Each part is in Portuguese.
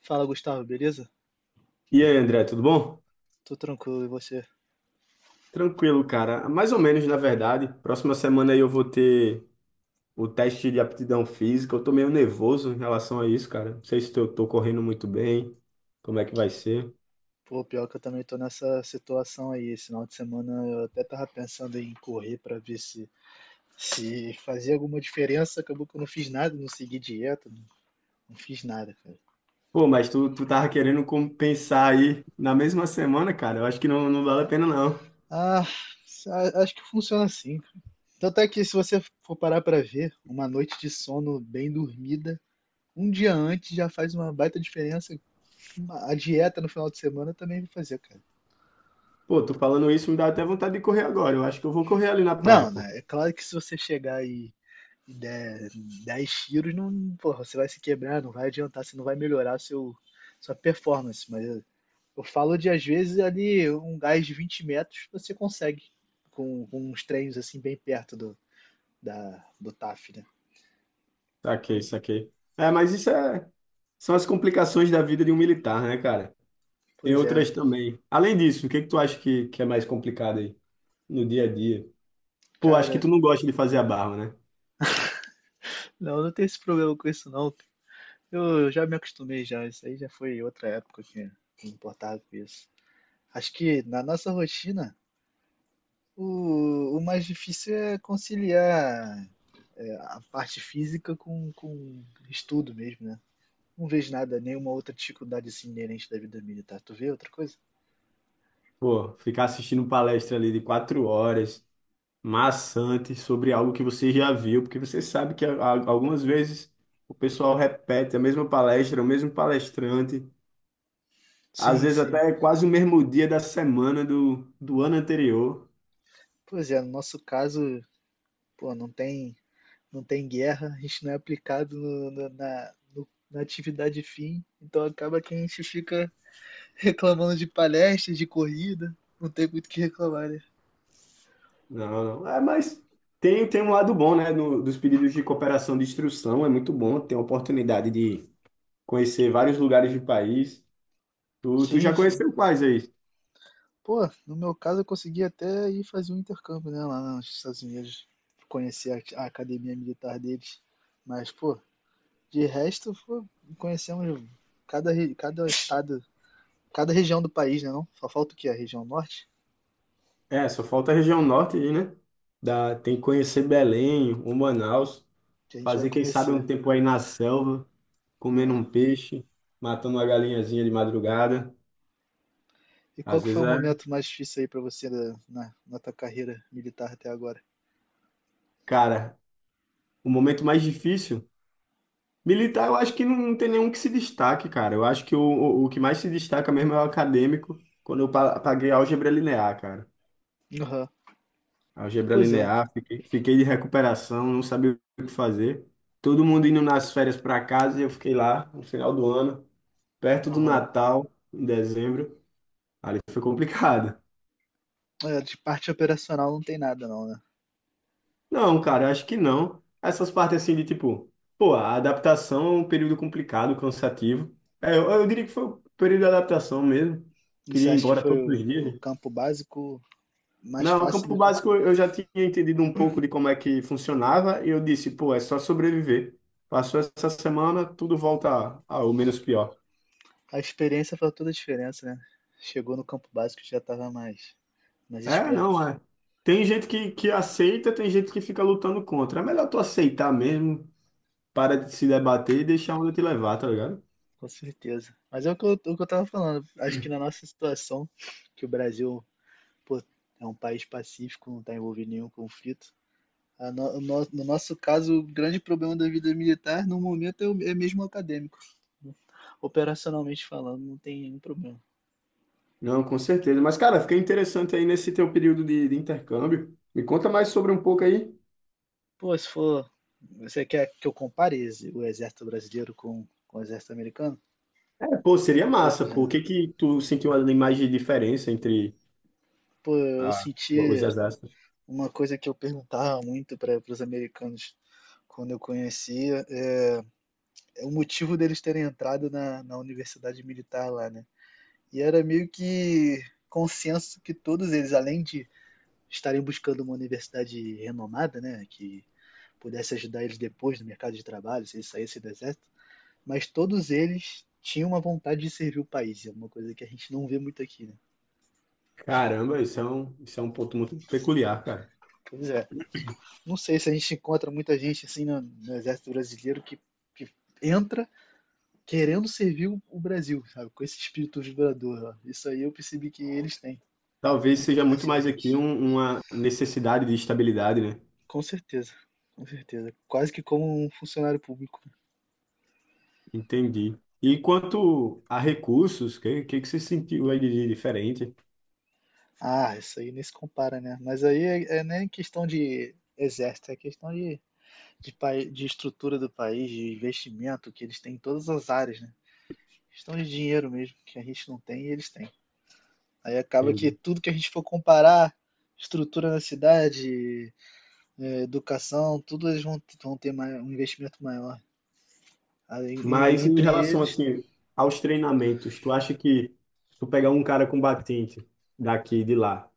Fala, Gustavo, beleza? E aí, André, tudo bom? Tô tranquilo, e você? Tranquilo, cara. Mais ou menos, na verdade. Próxima semana aí eu vou ter o teste de aptidão física. Eu tô meio nervoso em relação a isso, cara. Não sei se eu tô correndo muito bem, como é que vai ser. Pô, pior que eu também tô nessa situação aí. Esse final de semana eu até tava pensando em correr pra ver se fazia alguma diferença. Acabou que eu não fiz nada, não segui dieta, não fiz nada, cara. Pô, mas tu tava querendo compensar aí na mesma semana, cara. Eu acho que não vale a pena, não. Ah, Acho que funciona assim, cara. Tanto é que se você for parar pra ver, uma noite de sono bem dormida, um dia antes já faz uma baita diferença. A dieta no final de semana também vai fazer, cara. Pô, tô falando isso, me dá até vontade de correr agora. Eu acho que eu vou correr ali na praia, Não, pô. né? É claro que se você chegar 10 tiros, não, porra, você vai se quebrar, não vai adiantar, você não vai melhorar sua performance. Eu falo de, às vezes, ali um gás de 20 metros você consegue com uns treinos assim bem perto do TAF, né? Saquei, saquei. É, mas isso é São as complicações da vida de um militar, né, cara? Tem Pois é, outras também. Além disso, o que que tu acha que é mais complicado aí no dia a dia? Pô, acho que cara, tu não gosta de fazer a barba, né? Não tem esse problema com isso não. Eu já me acostumei já, isso aí já foi outra época que eu me importava com isso. Acho que na nossa rotina, o mais difícil é conciliar a parte física com estudo mesmo, né? Não vejo nada, nenhuma outra dificuldade assim inerente da vida militar. Tu vê outra coisa? Pô, ficar assistindo palestra ali de 4 horas, maçante, sobre algo que você já viu, porque você sabe que algumas vezes o pessoal repete a mesma palestra, o mesmo palestrante, às Sim, vezes sim. até quase o mesmo dia da semana do ano anterior. Pois é, no nosso caso, pô, não tem guerra, a gente não é aplicado na atividade fim, então acaba que a gente fica reclamando de palestras, de corrida, não tem muito o que reclamar, né? Não, não. É, mas tem um lado bom, né? No dos pedidos de cooperação de instrução, é muito bom, tem a oportunidade de conhecer vários lugares do país. Tu já Sim, sim. conheceu quais aí? Pô, no meu caso eu consegui até ir fazer um intercâmbio, né, lá nos Estados Unidos, conhecer a academia militar deles. Mas, pô, de resto, pô, conhecemos cada estado, cada região do país, né, não? Só falta o quê? A região norte, É, só falta a região norte aí, né? Dá, tem que conhecer Belém, o Manaus, que a gente vai fazer, quem sabe, um conhecer, tempo aí na selva, comendo né? um peixe, matando uma galinhazinha de madrugada. E qual Às que foi vezes o é, momento mais difícil aí pra você na tua carreira militar até agora? cara, o momento mais difícil. Militar, eu acho que não tem nenhum que se destaque, cara. Eu acho que o que mais se destaca mesmo é o acadêmico, quando eu paguei álgebra linear, cara. Aham. Algebra Pois é. linear, fiquei de recuperação, não sabia o que fazer. Todo mundo indo nas férias para casa e eu fiquei lá no final do ano, perto do Aham. Natal, em dezembro. Ali foi complicado. É, de parte operacional não tem nada não, né? Não, cara, eu acho que não. Essas partes assim de tipo, pô, a adaptação é um período complicado, cansativo. É, eu diria que foi o período de adaptação mesmo. E você Queria ir acha que embora foi todos os o dias. campo básico mais Não, o fácil campo do que básico eu já tinha entendido um pouco de como é que funcionava e eu disse, pô, é só sobreviver. Passou essa semana, tudo volta ao menos pior. a experiência faz toda a diferença, né? Chegou no campo básico já estava mais É, esperto, não, é. Tem gente que aceita, tem gente que fica lutando contra. É melhor tu aceitar mesmo, para de se debater e deixar a onda te levar, tá ligado? com certeza. Mas é o que o que eu tava falando. Acho que na nossa situação, que o Brasil, pô, é um país pacífico, não está envolvido em nenhum conflito. A no, no, No nosso caso, o grande problema da vida militar, no momento, é mesmo acadêmico. Operacionalmente falando, não tem nenhum problema. Não, com certeza. Mas, cara, fiquei interessante aí nesse teu período de intercâmbio. Me conta mais sobre um pouco aí. Pô, se for. Você quer que eu compare o exército brasileiro com o exército americano? É, pô, seria Um pouco, massa, pô. né? O que que tu sentiu ali mais de diferença entre Pô, eu ah, senti os exércitos? uma coisa que eu perguntava muito para os americanos quando eu conhecia é o motivo deles terem entrado na universidade militar lá, né? E era meio que consenso que todos eles, além de estarem buscando uma universidade renomada, né, que pudesse ajudar eles depois no mercado de trabalho, se eles saíssem do exército, mas todos eles tinham uma vontade de servir o país, é uma coisa que a gente não vê muito aqui, né? Caramba, isso é um ponto muito peculiar, cara. Pois é, não sei se a gente encontra muita gente assim no exército brasileiro que entra querendo servir o Brasil, sabe? Com esse espírito vibrador, ó. Isso aí eu percebi que eles têm. Talvez Muito seja mais muito que a mais aqui gente. um- uma necessidade de estabilidade, né? Com certeza. Com certeza. Quase que como um funcionário público. Entendi. E quanto a recursos, o que você sentiu aí de diferente? Ah, isso aí nem se compara, né? Mas aí é nem questão de exército, é questão de estrutura do país, de investimento que eles têm em todas as áreas, né? Questão de dinheiro mesmo, que a gente não tem e eles têm. Aí acaba que Entendi. tudo que a gente for comparar, estrutura na cidade, é, educação, tudo vão ter um investimento maior. Aí, e Mas em entre relação, eles, assim, aos treinamentos, tu acha que se tu pegar um cara combatente daqui e de lá,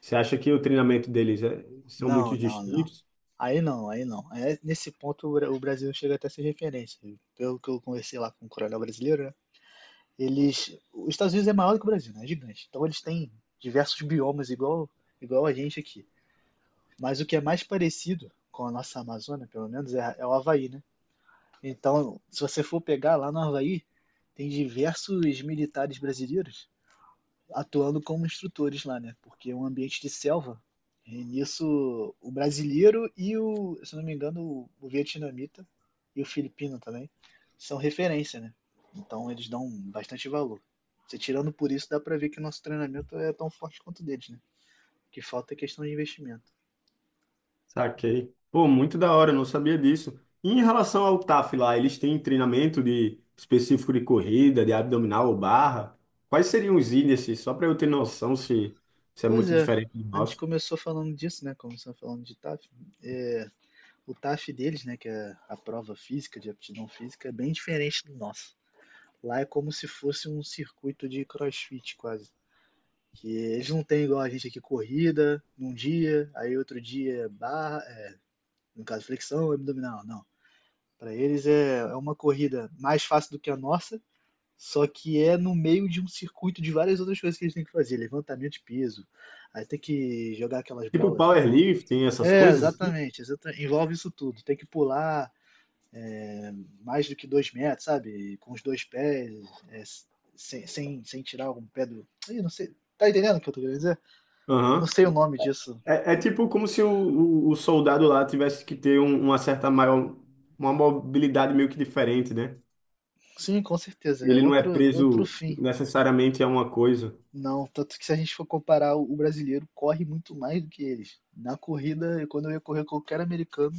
você acha que o treinamento deles é- são não, muito não, não. distintos? Aí não, aí não. É, nesse ponto o o Brasil chega até a ser referência. Pelo que eu conversei lá com o coronel brasileiro, né? Eles, os Estados Unidos é maior do que o Brasil, né? É gigante. Então eles têm diversos biomas igual a gente aqui. Mas o que é mais parecido com a nossa Amazônia, pelo menos, é o Havaí, né? Então, se você for pegar lá no Havaí, tem diversos militares brasileiros atuando como instrutores lá, né? Porque é um ambiente de selva. E nisso, o brasileiro se não me engano, o vietnamita e o filipino também são referência, né? Então eles dão bastante valor. Você tirando por isso, dá pra ver que o nosso treinamento é tão forte quanto o deles, né? O que falta é questão de investimento. Saquei. Pô, muito da hora, eu não sabia disso. E em relação ao TAF lá, eles têm treinamento de específico de corrida, de abdominal ou barra? Quais seriam os índices, só para eu ter noção se se é Pois muito é, diferente do a gente nosso? começou falando disso, né? Começamos falando de TAF. O TAF deles, né? Que é a prova física, de aptidão física, é bem diferente do nosso. Lá é como se fosse um circuito de CrossFit quase. Que eles não têm igual a gente aqui corrida num dia, aí outro dia é barra, é, no caso flexão, abdominal, não. Para eles é uma corrida mais fácil do que a nossa, só que é no meio de um circuito de várias outras coisas que eles têm que fazer, levantamento de peso, aí tem que jogar aquelas Tipo bolas. powerlifting, essas É, coisas assim? exatamente, envolve isso tudo. Tem que pular mais do que dois metros, sabe? Com os dois pés, é, sem tirar algum pé do. Ih, não sei. Tá entendendo o que eu tô querendo dizer? Não Aham. sei o nome disso. É, é tipo como se o soldado lá tivesse que ter um- uma certa maior, uma mobilidade meio que diferente, né? Sim, com certeza. É Ele não é outro, outro preso fim. necessariamente a uma coisa. Não, tanto que se a gente for comparar, o brasileiro corre muito mais do que eles. Na corrida, quando eu ia correr com qualquer americano,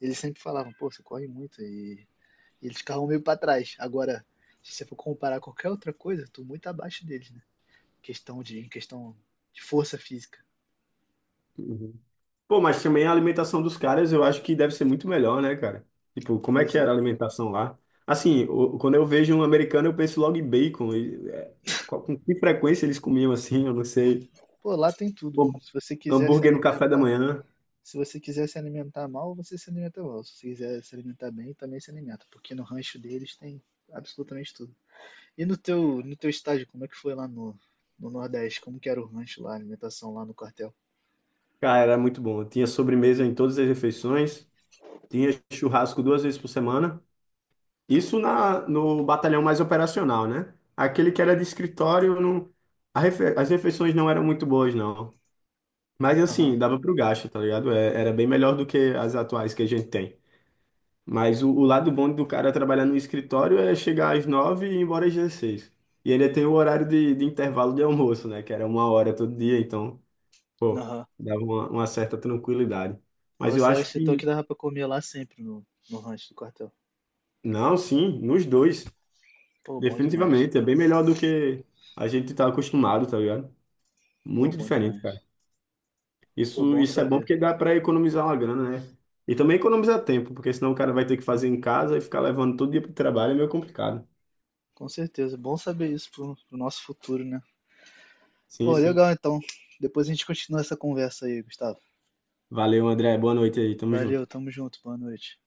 eles sempre falavam, pô, você corre muito. E eles ficavam meio pra trás. Agora, se você for comparar qualquer outra coisa, eu tô muito abaixo deles, né? Em questão de força física. Uhum. Pô, mas também a alimentação dos caras eu acho que deve ser muito melhor, né, cara? Tipo, como é Pois que era é. a alimentação lá? Assim, o- quando eu vejo um americano, eu penso logo em bacon. E, é, qual- com que frequência eles comiam assim? Eu não sei. Pô, lá tem tudo. Hum, Se você quiser se hambúrguer no café da alimentar, manhã. se você quiser se alimentar mal, você se alimenta mal. Se você quiser se alimentar bem, também se alimenta, porque no rancho deles tem absolutamente tudo. E no teu estágio, como é que foi lá no, no Nordeste? Como que era o rancho lá, a alimentação lá no quartel? Cara, era muito bom. Tinha sobremesa em todas as refeições. Tinha churrasco 2 vezes por semana. Isso na, no batalhão mais operacional, né? Aquele que era de escritório, não, a refe- as refeições não eram muito boas, não. Mas Aham, assim, dava pro gasto, tá ligado? É- era bem melhor do que as atuais que a gente tem. Mas o lado bom do cara trabalhar no escritório é chegar às nove e ir embora às 16. E ainda tem o horário de intervalo de almoço, né? Que era 1 hora todo dia, então, pô, aham. dava uma certa tranquilidade. Mas Mas eu você acho acha então que, que dava pra comer lá sempre no rancho do quartel? não, sim, nos dois, Pô, bom demais. definitivamente. É bem melhor do que a gente tá acostumado, tá ligado? Pô, Muito bom diferente, demais. cara. Pô, Isso, bom isso é bom saber. porque dá para economizar uma grana, né? E também economizar tempo, porque senão o cara vai ter que fazer em casa e ficar levando todo dia para o trabalho é meio complicado. Com certeza, bom saber isso pro nosso futuro, né? Sim, Pô, sim. legal então. Depois a gente continua essa conversa aí, Gustavo. Valeu, André. Boa noite aí. Tamo Valeu, junto. tamo junto, boa noite.